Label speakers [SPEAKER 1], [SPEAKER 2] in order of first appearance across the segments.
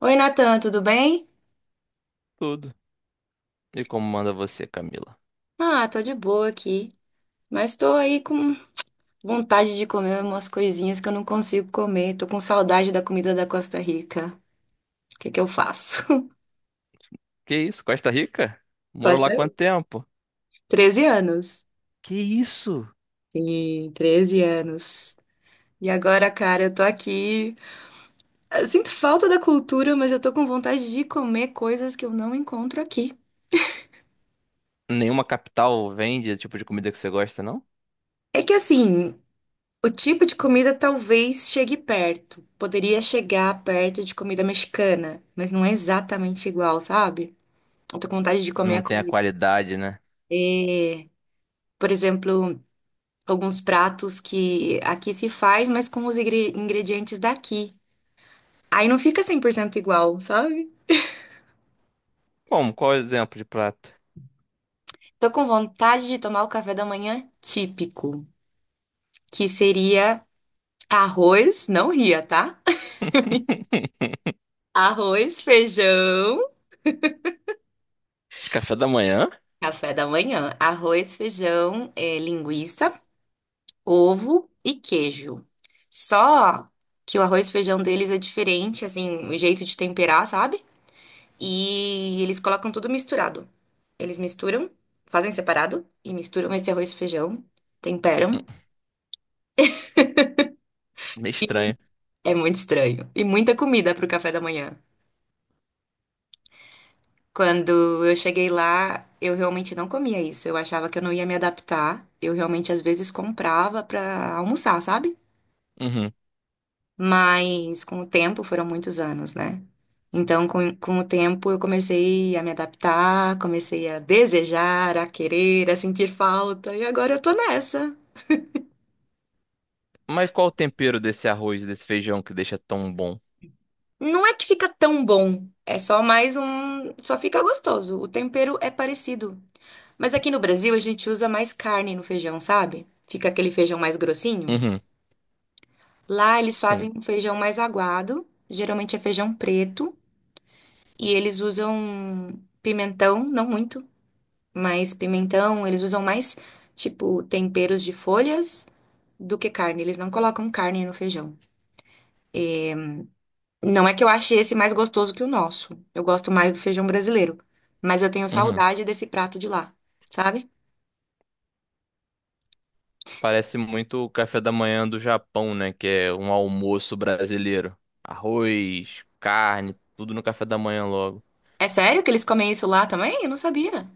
[SPEAKER 1] Oi, Natan, tudo bem?
[SPEAKER 2] Tudo. E como manda você, Camila?
[SPEAKER 1] Ah, tô de boa aqui, mas tô aí com vontade de comer umas coisinhas que eu não consigo comer. Tô com saudade da comida da Costa Rica. O que que eu faço?
[SPEAKER 2] Que isso? Costa Rica? Morou
[SPEAKER 1] Costa
[SPEAKER 2] lá
[SPEAKER 1] Rica.
[SPEAKER 2] quanto tempo?
[SPEAKER 1] 13 anos.
[SPEAKER 2] Que isso?
[SPEAKER 1] Sim, 13 anos. E agora, cara, eu tô aqui. Eu sinto falta da cultura, mas eu tô com vontade de comer coisas que eu não encontro aqui.
[SPEAKER 2] Nenhuma capital vende o tipo de comida que você gosta, não?
[SPEAKER 1] É que assim, o tipo de comida talvez chegue perto. Poderia chegar perto de comida mexicana, mas não é exatamente igual, sabe? Eu tô com vontade de comer a
[SPEAKER 2] Não tem a
[SPEAKER 1] comida.
[SPEAKER 2] qualidade, né?
[SPEAKER 1] É, por exemplo, alguns pratos que aqui se faz, mas com os ingredientes daqui. Aí não fica 100% igual, sabe?
[SPEAKER 2] Como? Qual é o exemplo de prato?
[SPEAKER 1] Tô com vontade de tomar o café da manhã típico, que seria arroz, não ria, tá? Arroz, feijão,
[SPEAKER 2] De café da manhã?
[SPEAKER 1] café da manhã. Arroz, feijão, linguiça, ovo e queijo. Só que o arroz e feijão deles é diferente, assim, o jeito de temperar, sabe? E eles colocam tudo misturado. Eles misturam, fazem separado e misturam esse arroz e feijão,
[SPEAKER 2] Hum,
[SPEAKER 1] temperam.
[SPEAKER 2] Meio estranho.
[SPEAKER 1] É muito estranho. E muita comida pro café da manhã. Quando eu cheguei lá, eu realmente não comia isso. Eu achava que eu não ia me adaptar. Eu realmente às vezes comprava pra almoçar, sabe?
[SPEAKER 2] Uhum.
[SPEAKER 1] Mas com o tempo, foram muitos anos, né? Então, com o tempo, eu comecei a me adaptar, comecei a desejar, a querer, a sentir falta, e agora eu tô nessa.
[SPEAKER 2] Mas qual o tempero desse arroz, desse feijão que deixa tão bom?
[SPEAKER 1] Não é que fica tão bom, é só mais um. Só fica gostoso. O tempero é parecido. Mas aqui no Brasil, a gente usa mais carne no feijão, sabe? Fica aquele feijão mais grossinho.
[SPEAKER 2] Uhum.
[SPEAKER 1] Lá, eles
[SPEAKER 2] Sim.
[SPEAKER 1] fazem um feijão mais aguado, geralmente é feijão preto, e eles usam pimentão, não muito. Mas pimentão, eles usam mais, tipo, temperos de folhas do que carne. Eles não colocam carne no feijão. Não é que eu ache esse mais gostoso que o nosso. Eu gosto mais do feijão brasileiro. Mas eu tenho
[SPEAKER 2] Uhum.
[SPEAKER 1] saudade desse prato de lá, sabe?
[SPEAKER 2] Parece muito o café da manhã do Japão, né? Que é um almoço brasileiro. Arroz, carne, tudo no café da manhã logo.
[SPEAKER 1] É sério que eles comem isso lá também? Eu não sabia.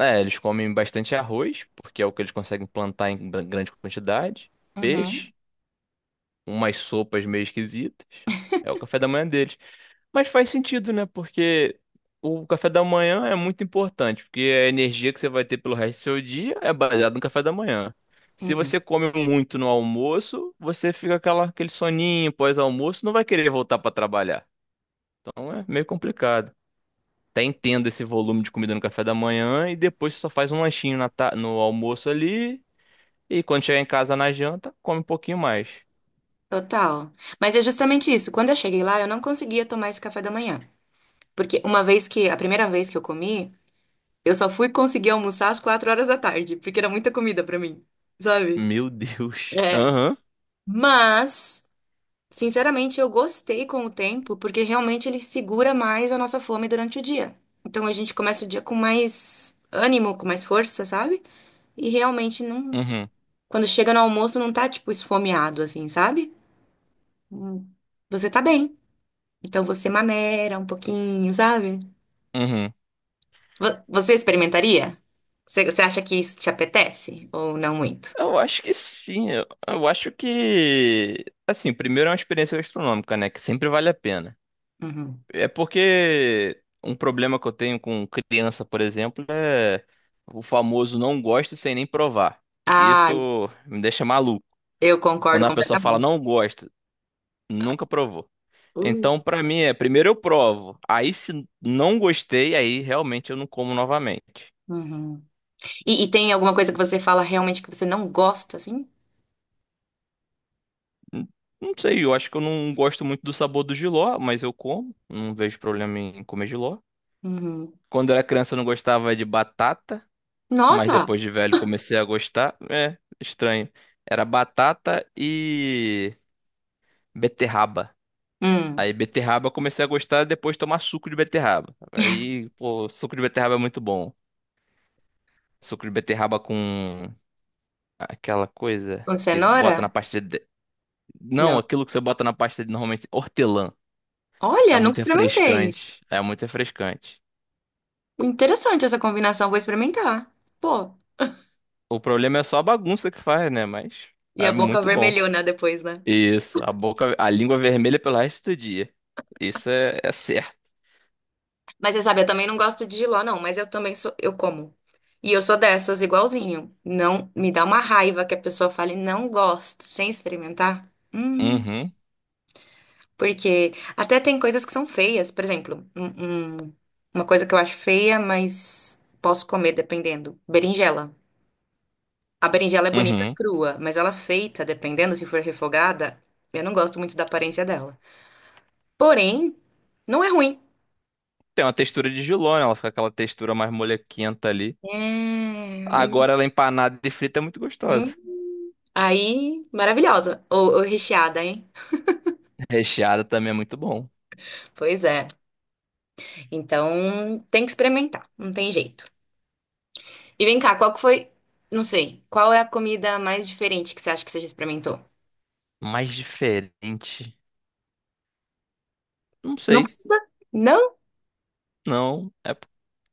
[SPEAKER 2] É, eles comem bastante arroz, porque é o que eles conseguem plantar em grande quantidade. Peixe.
[SPEAKER 1] Uhum.
[SPEAKER 2] Umas sopas meio esquisitas. É o café da manhã deles. Mas faz sentido, né? Porque o café da manhã é muito importante, porque a energia que você vai ter pelo resto do seu dia é baseada no café da manhã. Se
[SPEAKER 1] Uhum.
[SPEAKER 2] você come muito no almoço, você fica aquele soninho pós-almoço, não vai querer voltar para trabalhar. Então é meio complicado. Até entendo esse volume de comida no café da manhã e depois você só faz um lanchinho no almoço ali e quando chegar em casa na janta, come um pouquinho mais.
[SPEAKER 1] Total. Mas é justamente isso. Quando eu cheguei lá, eu não conseguia tomar esse café da manhã. Porque uma vez que, a primeira vez que eu comi, eu só fui conseguir almoçar às 4 horas da tarde, porque era muita comida pra mim, sabe?
[SPEAKER 2] Meu Deus.
[SPEAKER 1] É. Mas, sinceramente, eu gostei com o tempo, porque realmente ele segura mais a nossa fome durante o dia. Então a gente começa o dia com mais ânimo, com mais força, sabe? E realmente não,
[SPEAKER 2] Uhum,
[SPEAKER 1] quando chega no almoço não tá tipo esfomeado assim, sabe? Hum. Você tá bem. Então você maneira um pouquinho, sabe?
[SPEAKER 2] uhum.
[SPEAKER 1] Você experimentaria? Você acha que isso te apetece ou não muito?
[SPEAKER 2] Eu acho que sim. Eu acho que. Assim, primeiro é uma experiência gastronômica, né? Que sempre vale a pena.
[SPEAKER 1] Uhum.
[SPEAKER 2] É porque um problema que eu tenho com criança, por exemplo, é o famoso não gosto sem nem provar.
[SPEAKER 1] Ai,
[SPEAKER 2] Isso me deixa maluco.
[SPEAKER 1] eu concordo
[SPEAKER 2] Quando a pessoa fala
[SPEAKER 1] completamente.
[SPEAKER 2] não gosto, nunca provou. Então, pra mim, é primeiro eu provo. Aí, se não gostei, aí realmente eu não como novamente.
[SPEAKER 1] Uhum. E tem alguma coisa que você fala realmente que você não gosta, assim?
[SPEAKER 2] Hum, Não sei, eu acho que eu não gosto muito do sabor do jiló, mas eu como. Não vejo problema em comer jiló.
[SPEAKER 1] Uhum.
[SPEAKER 2] Quando eu era criança eu não gostava de batata, mas
[SPEAKER 1] Nossa!
[SPEAKER 2] depois de velho comecei a gostar. É, estranho. Era batata e beterraba.
[SPEAKER 1] Hum.
[SPEAKER 2] Aí beterraba eu comecei a gostar depois de tomar suco de beterraba. Aí, pô, suco de beterraba é muito bom. Suco de beterraba com aquela coisa
[SPEAKER 1] Com
[SPEAKER 2] que
[SPEAKER 1] cenoura?
[SPEAKER 2] bota na pasta de... Não,
[SPEAKER 1] Não.
[SPEAKER 2] aquilo que você bota na pasta de normalmente hortelã. É
[SPEAKER 1] Olha, nunca
[SPEAKER 2] muito
[SPEAKER 1] experimentei.
[SPEAKER 2] refrescante. É muito refrescante.
[SPEAKER 1] Interessante essa combinação, vou experimentar. Pô,
[SPEAKER 2] O problema é só a bagunça que faz, né? Mas
[SPEAKER 1] e a
[SPEAKER 2] é
[SPEAKER 1] boca
[SPEAKER 2] muito bom.
[SPEAKER 1] vermelhona depois, né?
[SPEAKER 2] Isso, a boca, a língua vermelha pelo resto do dia. Isso é certo.
[SPEAKER 1] Mas você sabe, eu também não gosto de jiló, não, mas eu também sou, eu como. E eu sou dessas, igualzinho. Não, me dá uma raiva que a pessoa fale, não gosto, sem experimentar. Hum.
[SPEAKER 2] Uhum,
[SPEAKER 1] Porque até tem coisas que são feias. Por exemplo, uma coisa que eu acho feia, mas posso comer dependendo. Berinjela. A berinjela é bonita
[SPEAKER 2] uhum.
[SPEAKER 1] crua, mas ela feita, dependendo se for refogada, eu não gosto muito da aparência dela. Porém, não é ruim.
[SPEAKER 2] Tem uma textura de jiló, né? Ela fica aquela textura mais molequenta ali.
[SPEAKER 1] É.
[SPEAKER 2] Agora ela empanada e frita é muito
[SPEAKER 1] Hum,
[SPEAKER 2] gostosa.
[SPEAKER 1] Aí, maravilhosa. Ou recheada, hein?
[SPEAKER 2] Recheada também é muito bom.
[SPEAKER 1] Pois é. Então, tem que experimentar. Não tem jeito. E vem cá, qual que foi. Não sei. Qual é a comida mais diferente que você acha que você já experimentou?
[SPEAKER 2] Mais diferente. Não
[SPEAKER 1] Não
[SPEAKER 2] sei.
[SPEAKER 1] precisa? Não?
[SPEAKER 2] Não. É...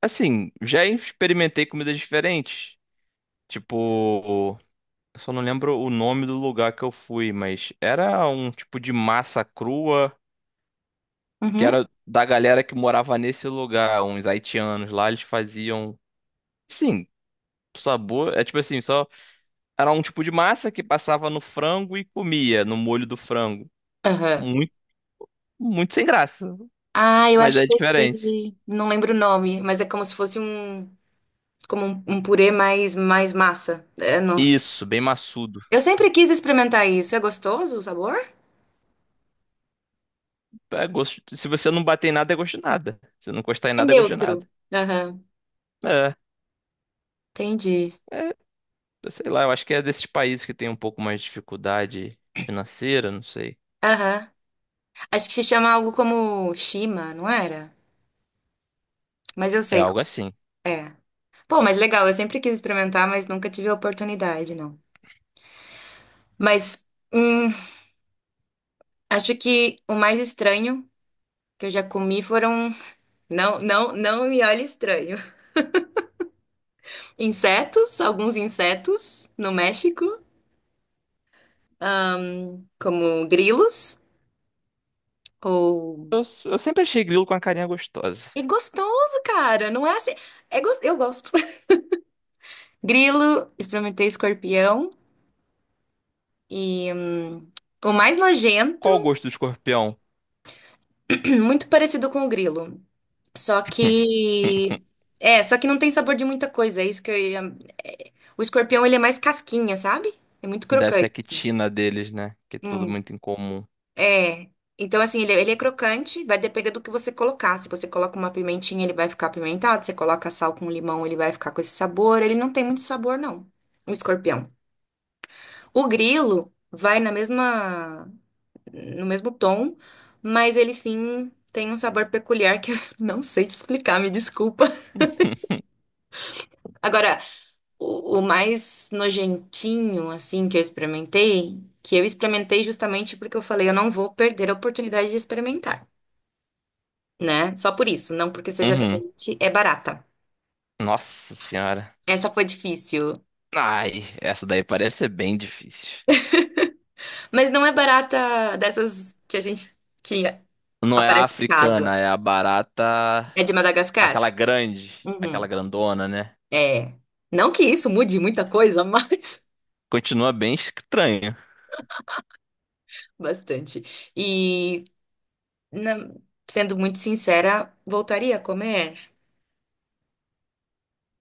[SPEAKER 2] Assim, já experimentei comidas diferentes. Tipo. Eu só não lembro o nome do lugar que eu fui, mas era um tipo de massa crua, que
[SPEAKER 1] Uhum.
[SPEAKER 2] era da galera que morava nesse lugar, uns haitianos lá, eles faziam. Sim, sabor. É tipo assim, só. Era um tipo de massa que passava no frango e comia, no molho do frango.
[SPEAKER 1] Aham.
[SPEAKER 2] Muito, muito sem graça,
[SPEAKER 1] Ah, eu
[SPEAKER 2] mas
[SPEAKER 1] acho
[SPEAKER 2] é
[SPEAKER 1] que eu
[SPEAKER 2] diferente.
[SPEAKER 1] sei. Não lembro o nome, mas é como se fosse um, como um purê mais massa. É, não.
[SPEAKER 2] Isso, bem maçudo.
[SPEAKER 1] Eu sempre quis experimentar isso. É gostoso o sabor?
[SPEAKER 2] É gosto... Se você não bater em nada, é gosto de nada. Se não encostar em
[SPEAKER 1] É
[SPEAKER 2] nada, é gosto de nada.
[SPEAKER 1] neutro. Aham.
[SPEAKER 2] É.
[SPEAKER 1] Entendi.
[SPEAKER 2] É, sei lá, eu acho que é desses países que tem um pouco mais de dificuldade financeira, não sei.
[SPEAKER 1] Aham. Acho que se chama algo como shima, não era? Mas eu
[SPEAKER 2] É
[SPEAKER 1] sei.
[SPEAKER 2] algo assim.
[SPEAKER 1] É. Pô, mas legal. Eu sempre quis experimentar, mas nunca tive a oportunidade, não. Mas hum, acho que o mais estranho que eu já comi foram. Não, não, não me olhe estranho. Insetos, alguns insetos no México, ahn, como grilos, ou.
[SPEAKER 2] Eu sempre achei grilo com a carinha gostosa.
[SPEAKER 1] É gostoso, cara, não é assim. Eu gosto. Grilo, experimentei escorpião, e o mais nojento,
[SPEAKER 2] Qual o gosto do escorpião?
[SPEAKER 1] muito parecido com o grilo, só que. É, só que não tem sabor de muita coisa, é isso que eu ia. O escorpião, ele é mais casquinha, sabe? É muito
[SPEAKER 2] Deve ser a
[SPEAKER 1] crocante.
[SPEAKER 2] quitina deles, né? Que é tudo
[SPEAKER 1] Hum.
[SPEAKER 2] muito incomum.
[SPEAKER 1] É. Então, assim, ele é crocante, vai depender do que você colocar. Se você coloca uma pimentinha, ele vai ficar apimentado. Se você coloca sal com limão, ele vai ficar com esse sabor. Ele não tem muito sabor, não. O escorpião. O grilo vai na mesma, no mesmo tom, mas ele sim tem um sabor peculiar que eu não sei te explicar, me desculpa. Agora, o mais nojentinho, assim, que eu experimentei justamente porque eu falei, eu não vou perder a oportunidade de experimentar, né? Só por isso, não porque seja
[SPEAKER 2] Uhum.
[SPEAKER 1] atraente, é barata.
[SPEAKER 2] Nossa senhora.
[SPEAKER 1] Essa foi difícil.
[SPEAKER 2] Ai, essa daí parece ser bem difícil.
[SPEAKER 1] Mas não é barata dessas que a gente que
[SPEAKER 2] Não é a
[SPEAKER 1] aparece em casa.
[SPEAKER 2] africana, é a barata.
[SPEAKER 1] É de Madagascar?
[SPEAKER 2] Aquela grande.
[SPEAKER 1] Uhum.
[SPEAKER 2] Aquela grandona, né?
[SPEAKER 1] É. Não que isso mude muita coisa, mas
[SPEAKER 2] Continua bem estranho.
[SPEAKER 1] bastante. E na- sendo muito sincera, voltaria a comer.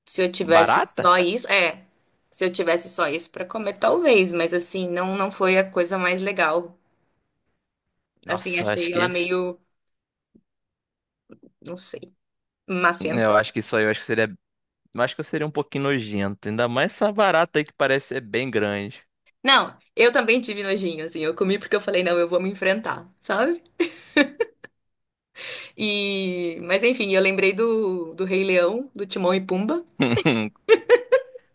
[SPEAKER 1] Se eu tivesse
[SPEAKER 2] Barata?
[SPEAKER 1] só isso, é. Se eu tivesse só isso para comer, talvez, mas assim, não foi a coisa mais legal. Assim,
[SPEAKER 2] Nossa, eu acho
[SPEAKER 1] achei ela
[SPEAKER 2] que.
[SPEAKER 1] meio, não sei,
[SPEAKER 2] Eu
[SPEAKER 1] macenta.
[SPEAKER 2] acho que isso aí eu acho que seria. Eu acho que eu seria um pouquinho nojento. Ainda mais essa barata aí que parece ser bem grande.
[SPEAKER 1] Não, eu também tive nojinho, assim. Eu comi porque eu falei, não, eu vou me enfrentar, sabe? E, mas enfim, eu lembrei do Rei Leão, do Timão e Pumba.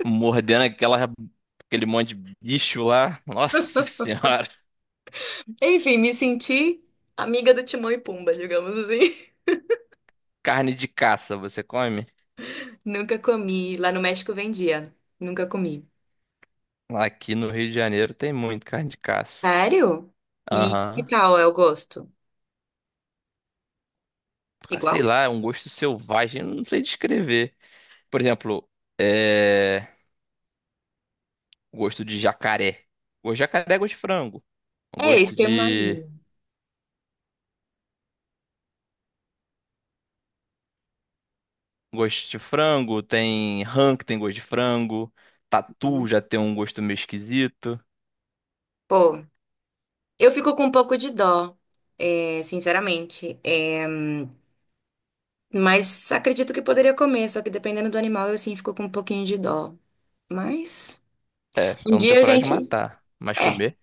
[SPEAKER 2] Mordendo aquela, aquele monte de bicho lá. Nossa senhora.
[SPEAKER 1] Enfim, me senti amiga do Timão e Pumba, digamos assim.
[SPEAKER 2] Carne de caça, você come?
[SPEAKER 1] Nunca comi. Lá no México vendia. Nunca comi.
[SPEAKER 2] Aqui no Rio de Janeiro tem muito carne de caça.
[SPEAKER 1] Sério? E que
[SPEAKER 2] Aham.
[SPEAKER 1] tal é o gosto?
[SPEAKER 2] Ah,
[SPEAKER 1] Igual?
[SPEAKER 2] sei lá, é um gosto selvagem, eu não sei descrever. Por exemplo, é... gosto de jacaré. O jacaré é gosto de frango.
[SPEAKER 1] É isso
[SPEAKER 2] Gosto
[SPEAKER 1] que eu
[SPEAKER 2] de
[SPEAKER 1] imagino.
[SPEAKER 2] gosto de frango, tem rã que tem gosto de frango, tatu já tem um gosto meio esquisito.
[SPEAKER 1] Pô, eu fico com um pouco de dó, é, sinceramente. Mas acredito que poderia comer, só que dependendo do animal, eu sim fico com um pouquinho de dó. Mas
[SPEAKER 2] É,
[SPEAKER 1] um
[SPEAKER 2] eu não tenho
[SPEAKER 1] dia a
[SPEAKER 2] coragem de
[SPEAKER 1] gente.
[SPEAKER 2] matar, mas
[SPEAKER 1] É,
[SPEAKER 2] comer.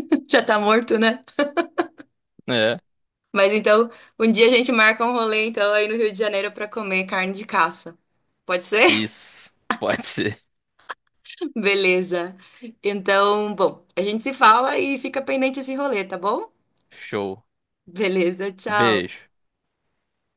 [SPEAKER 1] já tá morto, né?
[SPEAKER 2] É,
[SPEAKER 1] Mas então, um dia a gente marca um rolê, então, aí no Rio de Janeiro pra comer carne de caça. Pode ser?
[SPEAKER 2] isso. Pode ser.
[SPEAKER 1] Beleza. Então, bom, a gente se fala e fica pendente esse rolê, tá bom?
[SPEAKER 2] Show.
[SPEAKER 1] Beleza, tchau.
[SPEAKER 2] Beijo.